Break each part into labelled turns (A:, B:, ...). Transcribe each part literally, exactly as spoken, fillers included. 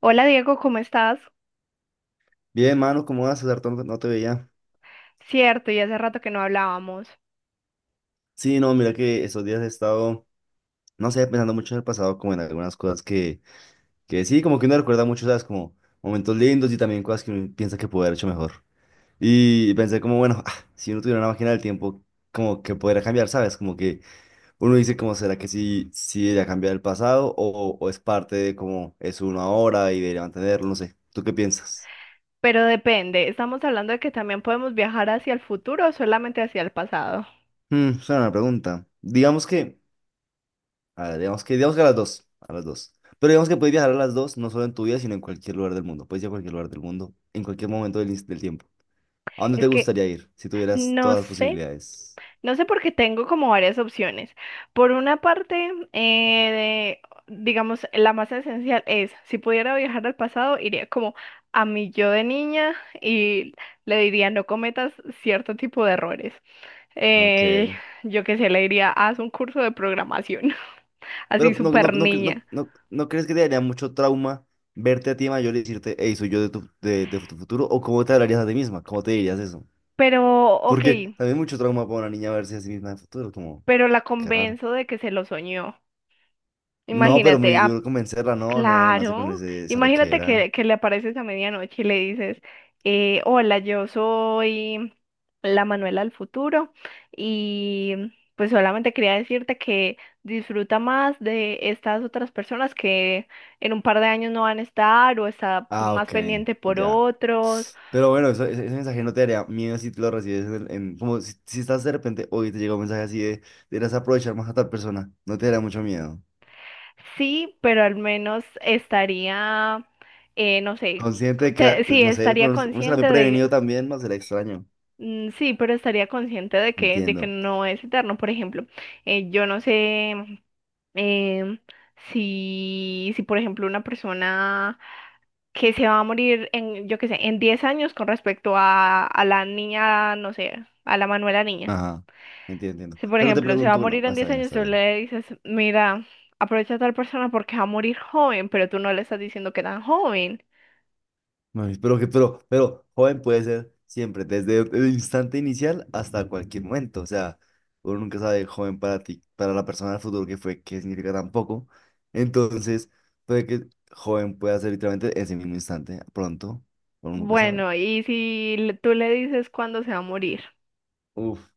A: Hola Diego, ¿cómo estás?
B: Bien, mano, ¿cómo vas, César? Tanto. No no te veía.
A: Cierto, y hace rato que no hablábamos,
B: Sí, no, mira que estos días he estado, no sé, pensando mucho en el pasado, como en algunas cosas que, que sí, como que uno recuerda mucho, ¿sabes? Como momentos lindos y también cosas que uno piensa que pudo haber hecho mejor. Y pensé como, bueno, ah, si uno tuviera una máquina del tiempo, como que podría cambiar, ¿sabes? Como que uno dice, como, ¿será que sí, sí debería cambiar el pasado o, o es parte de cómo es uno ahora y debería mantenerlo? No sé, ¿tú qué piensas?
A: pero depende, ¿estamos hablando de que también podemos viajar hacia el futuro o solamente hacia el pasado?
B: Hmm, es una buena pregunta. Digamos que a ver, digamos que, digamos que a las dos, a las dos. Pero digamos que puedes viajar a las dos, no solo en tu vida, sino en cualquier lugar del mundo. Puedes ir a cualquier lugar del mundo, en cualquier momento del, ins- del tiempo. ¿A dónde te
A: Es que
B: gustaría ir si tuvieras
A: no
B: todas las
A: sé,
B: posibilidades?
A: no sé porque tengo como varias opciones. Por una parte, eh, de- digamos, la más esencial es, si pudiera viajar al pasado, iría como a mi yo de niña y le diría, no cometas cierto tipo de errores.
B: Ok.
A: Eh, yo qué sé, le diría, haz un curso de programación, así
B: Pero no, no,
A: súper
B: no, cre- no,
A: niña.
B: no, ¿no crees que te daría mucho trauma verte a ti mayor y decirte, hey, soy yo de tu, de, de tu futuro? ¿O cómo te hablarías a ti misma? ¿Cómo te dirías eso?
A: Pero, ok,
B: Porque también es mucho trauma para una niña verse a sí misma en el futuro, como,
A: pero la
B: qué raro.
A: convenzo de que se lo soñó.
B: No, pero
A: Imagínate,
B: muy
A: ah,
B: duro convencerla, no, no, nace con
A: claro,
B: ese, esa
A: imagínate
B: loquera.
A: que, que le apareces a medianoche y le dices, eh, hola, yo soy la Manuela del futuro y pues solamente quería decirte que disfruta más de estas otras personas que en un par de años no van a estar o está
B: Ah,
A: más
B: ok,
A: pendiente por
B: ya.
A: otros.
B: Pero bueno, eso- ese, ese mensaje no te daría miedo si te lo recibes en, el- en- como si, si estás de repente hoy te llega un mensaje así de, deberás aprovechar más a tal persona, no te daría mucho miedo.
A: Sí, pero al menos estaría, eh, no sé,
B: Consciente
A: co-
B: de que,
A: te-
B: ah,
A: sí,
B: no sé,
A: estaría
B: pero uno uno será muy
A: consciente de,
B: prevenido también, no será extraño.
A: mm, sí, pero estaría consciente de que, de que
B: Entiendo.
A: no es eterno. Por ejemplo, eh, yo no sé em, si, si, por ejemplo, una persona que se va a morir en, yo qué sé, en diez años con respecto a, a la niña, no sé, a la Manuela niña.
B: Ajá, entiendo, entiendo.
A: Si, por
B: Pero te
A: ejemplo, se va a
B: pregunto, bueno,
A: morir en
B: está
A: diez
B: bien,
A: años,
B: está
A: tú
B: bien.
A: le dices, mira, aprovecha a tal persona porque va a morir joven, pero tú no le estás diciendo que tan joven.
B: Ay, Pero que, pero, pero joven puede ser siempre, desde el instante inicial hasta cualquier momento. O sea, uno nunca sabe joven para ti, para la persona del futuro que fue, qué significa tampoco. Entonces, puede que joven pueda ser literalmente ese mismo instante, pronto, uno nunca sabe.
A: Bueno, y si le- tú le dices cuándo se va a morir,
B: Uf,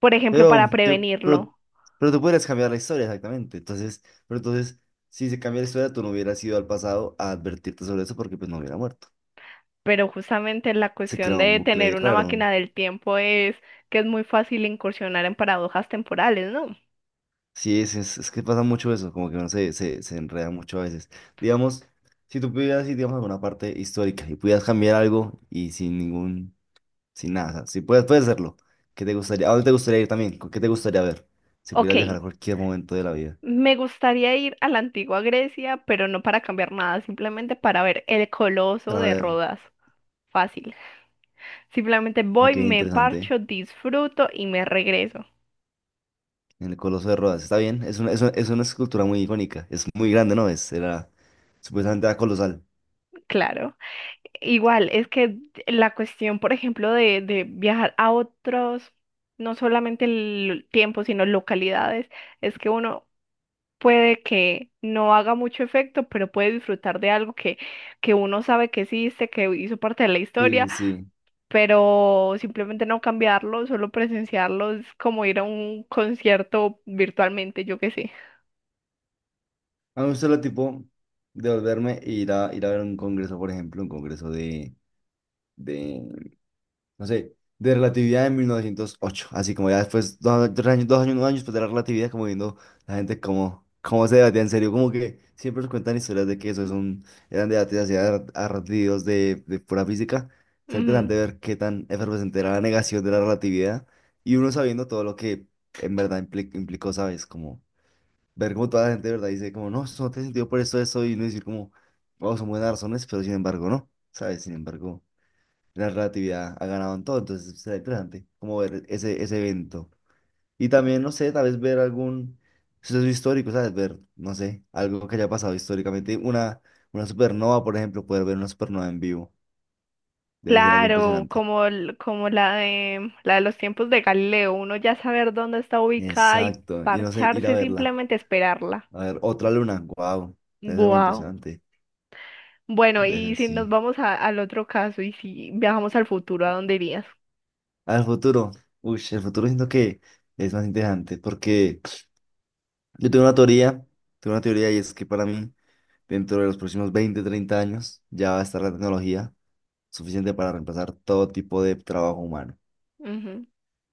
A: por ejemplo,
B: pero
A: para
B: yo, pero,
A: prevenirlo,
B: pero tú puedes cambiar la historia exactamente. Entonces, pero entonces, si se cambia la historia, tú no hubieras ido al pasado a advertirte sobre eso porque pues no hubiera muerto.
A: pero justamente la
B: Se
A: cuestión
B: crea un
A: de
B: bucle
A: tener
B: ahí
A: una
B: raro.
A: máquina del tiempo es que es muy fácil incursionar en paradojas temporales, ¿no?
B: Sí, es, es, es que pasa mucho eso, como que uno se, se, se enreda mucho a veces. Digamos, si tú pudieras ir, digamos, a alguna parte histórica y pudieras cambiar algo y sin ningún, sin nada, o sea, si puedes, puedes hacerlo, ¿qué te gustaría? ¿A dónde te gustaría ir también? ¿Con qué te gustaría ver? Si
A: Ok,
B: pudieras viajar a cualquier momento de la vida
A: me gustaría ir a la antigua Grecia, pero no para cambiar nada, simplemente para ver el Coloso
B: para
A: de
B: ver,
A: Rodas. Fácil. Simplemente voy,
B: ok,
A: me
B: interesante,
A: parcho, disfruto y me regreso.
B: en el Coloso de Rodas, está bien, es una, es una, es una escultura muy icónica, es muy grande, ¿no? Es, era, supuestamente era colosal.
A: Claro. Igual, es que la cuestión, por ejemplo, de, de viajar a otros, no solamente el tiempo, sino localidades, es que uno puede que no haga mucho efecto, pero puede disfrutar de algo que, que uno sabe que existe, que hizo parte de la historia,
B: Sí, sí, sí.
A: pero simplemente no cambiarlo, solo presenciarlo es como ir a un concierto virtualmente, yo qué sé.
B: A mí me gusta el tipo de volverme e ir a, ir a, ver un congreso, por ejemplo, un congreso de de, no sé, de relatividad de mil novecientos ocho. Así como ya después, dos, tres años, dos años, un año después de la relatividad, como viendo la gente cómo cómo se debatía en serio. Como que siempre nos cuentan historias de que eso es un, eran debates así ar- ardidos de, de pura física. Es interesante
A: Ujú.
B: ver qué tan efervescente era la negación de la relatividad y uno sabiendo todo lo que en verdad impli- implicó, ¿sabes? Como ver cómo toda la gente de verdad dice como, no, eso no tiene sentido por esto, eso, y no decir como, oh, son buenas razones, pero sin embargo, no, ¿sabes? Sin embargo. La relatividad ha ganado en todo, entonces será interesante como ver ese, ese evento. Y también, no sé, tal vez ver algún suceso histórico, ¿sabes? Ver, no sé, algo que haya pasado históricamente. Una, una supernova, por ejemplo, poder ver una supernova en vivo. Debe ser algo
A: Claro,
B: impresionante.
A: como, el- como la de, la de los tiempos de Galileo, uno ya saber dónde está ubicada y
B: Exacto. Y no sé, ir a
A: parcharse,
B: verla.
A: simplemente esperarla.
B: A ver, otra luna. Wow. Debe ser muy
A: Wow.
B: impresionante.
A: Bueno,
B: Debe
A: y
B: ser,
A: si nos
B: sí.
A: vamos a- al otro caso y si viajamos al futuro, ¿a dónde irías?
B: Al futuro. Uy, el futuro siento que es más interesante porque yo tengo una teoría, tengo una teoría y es que para mí. Dentro de los próximos veinte treinta años ya va a estar la tecnología suficiente para reemplazar todo tipo de trabajo humano.
A: Ujú.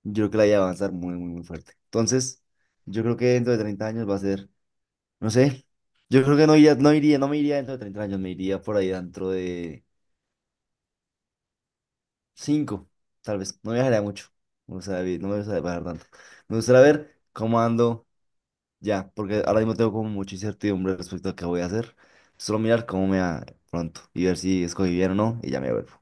B: Yo creo que la I A va a avanzar muy, muy, muy fuerte. Entonces, yo creo que dentro de treinta años va a ser, no sé, yo creo que no iría, no iría, no me iría dentro de treinta años, me iría por ahí dentro de cinco tal vez. No viajaría mucho, o sea, vi- no me gustaría viajar tanto. Me gustaría ver cómo ando ya, porque ahora mismo tengo como mucha incertidumbre respecto a qué voy a hacer. Solo mirar cómo me va pronto y ver si escogí bien o no y ya me vuelvo.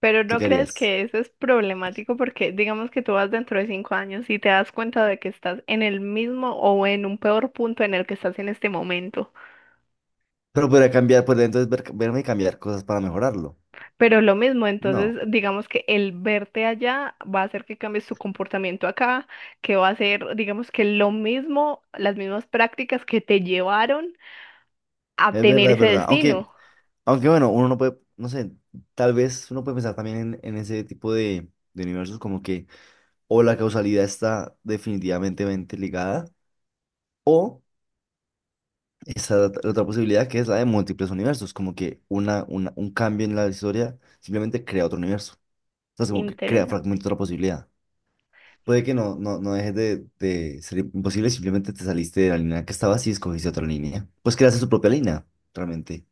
A: Pero
B: ¿Tú
A: ¿no
B: qué
A: crees
B: harías?
A: que eso es problemático? Porque digamos que tú vas dentro de cinco años y te das cuenta de que estás en el mismo o en un peor punto en el que estás en este momento.
B: Pero podría cambiar, podría entonces ver- verme y cambiar cosas para mejorarlo.
A: Pero lo mismo, entonces
B: No,
A: digamos que el verte allá va a hacer que cambies tu comportamiento acá, que va a ser, digamos que lo mismo, las mismas prácticas que te llevaron a
B: es
A: tener
B: verdad, es
A: ese
B: verdad.
A: destino.
B: Aunque, aunque bueno, uno no puede, no sé, tal vez uno puede pensar también en, en ese tipo de, de universos como que o la causalidad está definitivamente mente ligada o esa la otra la otra posibilidad que es la de múltiples universos, como que una, una, un cambio en la historia simplemente crea otro universo. Entonces como que crea
A: Interesante.
B: fragmentos de otra posibilidad. Puede que no, no, no dejes de, de ser imposible, simplemente te saliste de la línea que estabas y escogiste otra línea. Pues creaste tu propia línea, realmente.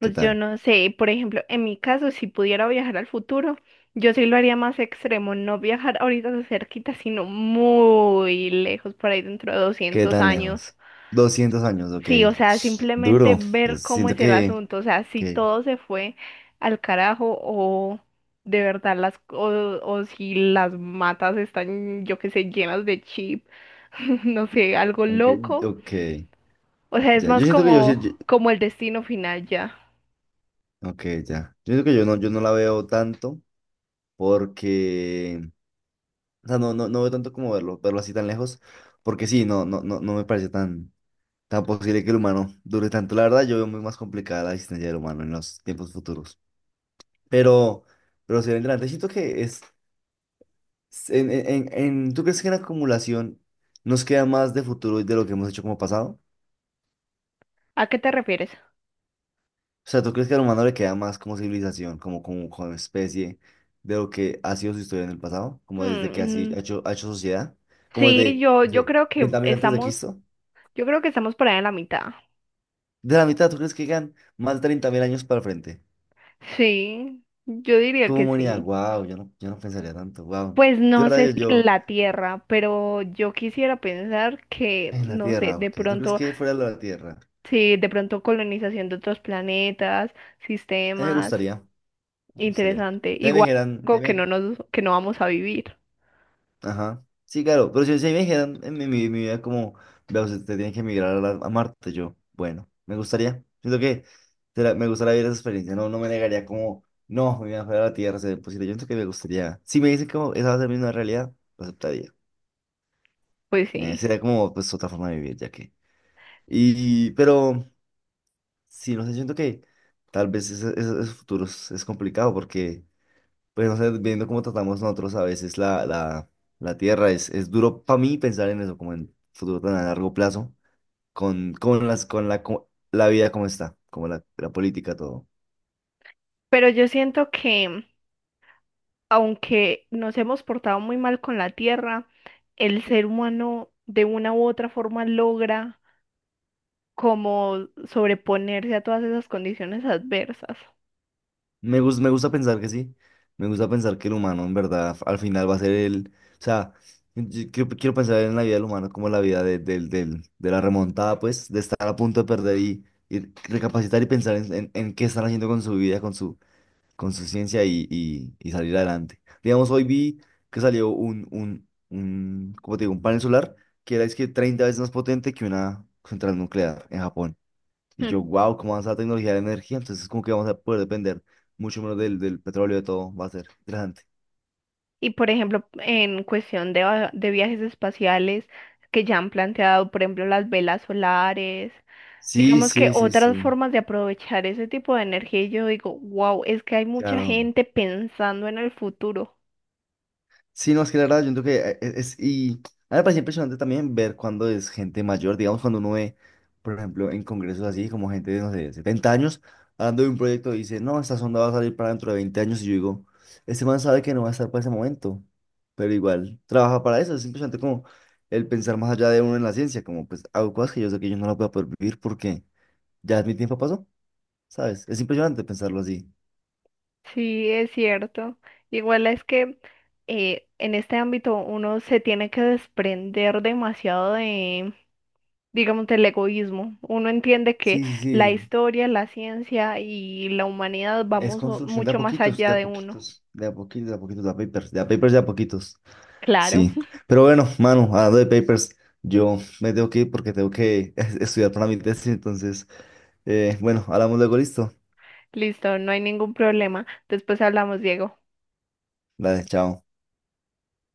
B: ¿Qué
A: Pues yo
B: tal?
A: no sé, por ejemplo, en mi caso, si pudiera viajar al futuro, yo sí lo haría más extremo, no viajar ahorita de cerquita, sino muy lejos, por ahí dentro de
B: ¿Qué
A: doscientos
B: tan
A: años.
B: lejos? Doscientos años, ok.
A: Sí, o sea, simplemente
B: Duro. Yo
A: ver cómo
B: siento
A: es el
B: que,
A: asunto, o sea, si
B: que,
A: todo se fue al carajo o de verdad las o, o si las matas están, yo qué sé, llenas de chip, no sé, algo
B: ok,
A: loco.
B: ok.
A: O sea, es
B: Ya, yo
A: más
B: siento que yo, sí-
A: como
B: yo-
A: como el destino final ya.
B: ok, ya. Yo siento que yo no, yo no la veo tanto porque, o sea, no, no, no veo tanto como verlo, verlo así tan lejos, porque sí, no, no, no, no me parece tan tan posible que el humano dure tanto. La verdad, yo veo muy más complicada la existencia del humano en los tiempos futuros. Pero, pero si adelante, siento que es, en, en, en- en- ¿tú crees que en acumulación nos queda más de futuro de lo que hemos hecho como pasado?
A: ¿A qué te refieres?
B: O sea, ¿tú crees que al humano le queda más como civilización, como, como, como especie, de lo que ha sido su historia en el pasado?
A: Hmm,
B: Como desde que así
A: mm,
B: ha hecho, ha hecho sociedad, como
A: sí,
B: desde,
A: yo
B: no
A: yo
B: sé,
A: creo que
B: treinta mil antes de
A: estamos
B: Cristo.
A: yo creo que estamos por ahí en la mitad.
B: De la mitad, ¿tú crees que llegan más de treinta mil años para el frente?
A: Sí, yo diría
B: Como
A: que
B: humanidad,
A: sí.
B: wow, yo no, yo no pensaría tanto, wow.
A: Pues
B: Yo,
A: no
B: la
A: sé
B: verdad,
A: si en
B: yo, yo,
A: la Tierra, pero yo quisiera pensar que,
B: en la
A: no sé,
B: Tierra,
A: de
B: ok. ¿Tú crees
A: pronto,
B: que fuera de la Tierra?
A: sí, de pronto colonización de otros planetas,
B: A mí me
A: sistemas,
B: gustaría, me gustaría.
A: interesante.
B: Si me
A: Igual
B: dijeran, si
A: algo que no
B: me-
A: nos, que no vamos a vivir.
B: ajá, sí, claro, pero si, si me dijeran en mi, mi- mi vida como, veo, usted tiene que emigrar a, la- a Marte, yo, bueno, me gustaría. Siento que será- me gustaría vivir esa experiencia, no, no me negaría como, no, mi vida fuera de la Tierra sería imposible. Yo siento que me gustaría. Si me dicen como, esa va a ser mi nueva realidad, lo aceptaría.
A: Pues
B: Eh,
A: sí.
B: sería como, pues, otra forma de vivir, ya que. Y, pero. Sí, no sé, siento que tal vez ese, ese- ese futuro es, es complicado porque, pues no sé, viendo cómo tratamos nosotros a veces la, la, la, tierra, es, es duro para mí pensar en eso, como en futuro tan a largo plazo, con, con, las, con la, co- la vida como está, como la, la política, todo.
A: Pero yo siento que, aunque nos hemos portado muy mal con la Tierra, el ser humano de una u otra forma logra como sobreponerse a todas esas condiciones adversas.
B: Me gusta, me gusta pensar que sí. Me gusta pensar que el humano, en verdad, al final va a ser el. O sea, yo quiero, quiero pensar en la vida del humano como la vida de, del- del- de la remontada, pues, de estar a punto de perder y, y recapacitar y pensar en, en- en qué están haciendo con su vida, con su, con su ciencia y, y- y salir adelante. Digamos, hoy vi que salió un, un, un, ¿cómo te digo? Un panel solar que era es que treinta veces más potente que una central nuclear en Japón. Y
A: Hmm.
B: yo, wow, ¿cómo avanza la tecnología de la energía? Entonces, como que vamos a poder depender mucho menos del, del petróleo, de todo. Va a ser interesante.
A: Y por ejemplo, en cuestión de, va- de viajes espaciales que ya han planteado, por ejemplo, las velas solares,
B: Sí,
A: digamos que
B: sí, sí,
A: otras
B: sí.
A: formas de aprovechar ese tipo de energía, y yo digo, wow, es que hay mucha
B: Claro.
A: gente pensando en el futuro.
B: Sí, no, es que la verdad, yo creo que eh, es, es- y a mí me parece impresionante también ver cuando es gente mayor, digamos, cuando uno ve, por ejemplo, en congresos así, como gente de, no sé, setenta años, hablando de un proyecto, y dice, no, esta sonda va a salir para dentro de veinte años, y yo digo, este man sabe que no va a estar para ese momento, pero igual trabaja para eso, es impresionante como el pensar más allá de uno en la ciencia, como pues hago cosas que yo sé que yo no las voy a poder vivir porque ya mi tiempo pasó, ¿sabes? Es impresionante pensarlo así.
A: Sí, es cierto. Igual es que eh, en este ámbito uno se tiene que desprender demasiado de, digamos, del egoísmo. Uno entiende que
B: Sí, sí,
A: la
B: sí.
A: historia, la ciencia y la humanidad
B: Es
A: vamos o-
B: construcción de a
A: mucho más
B: poquitos,
A: allá
B: de a
A: de uno.
B: poquitos, de a poquitos, de a poquitos, de a papers, de a papers, de a poquitos.
A: Claro,
B: Sí. Pero bueno, mano, hablando de papers, yo me tengo que ir porque tengo que estudiar para mi tesis. Entonces, eh, bueno, hablamos luego, listo.
A: listo, no hay ningún problema. Después hablamos, Diego.
B: Dale, chao.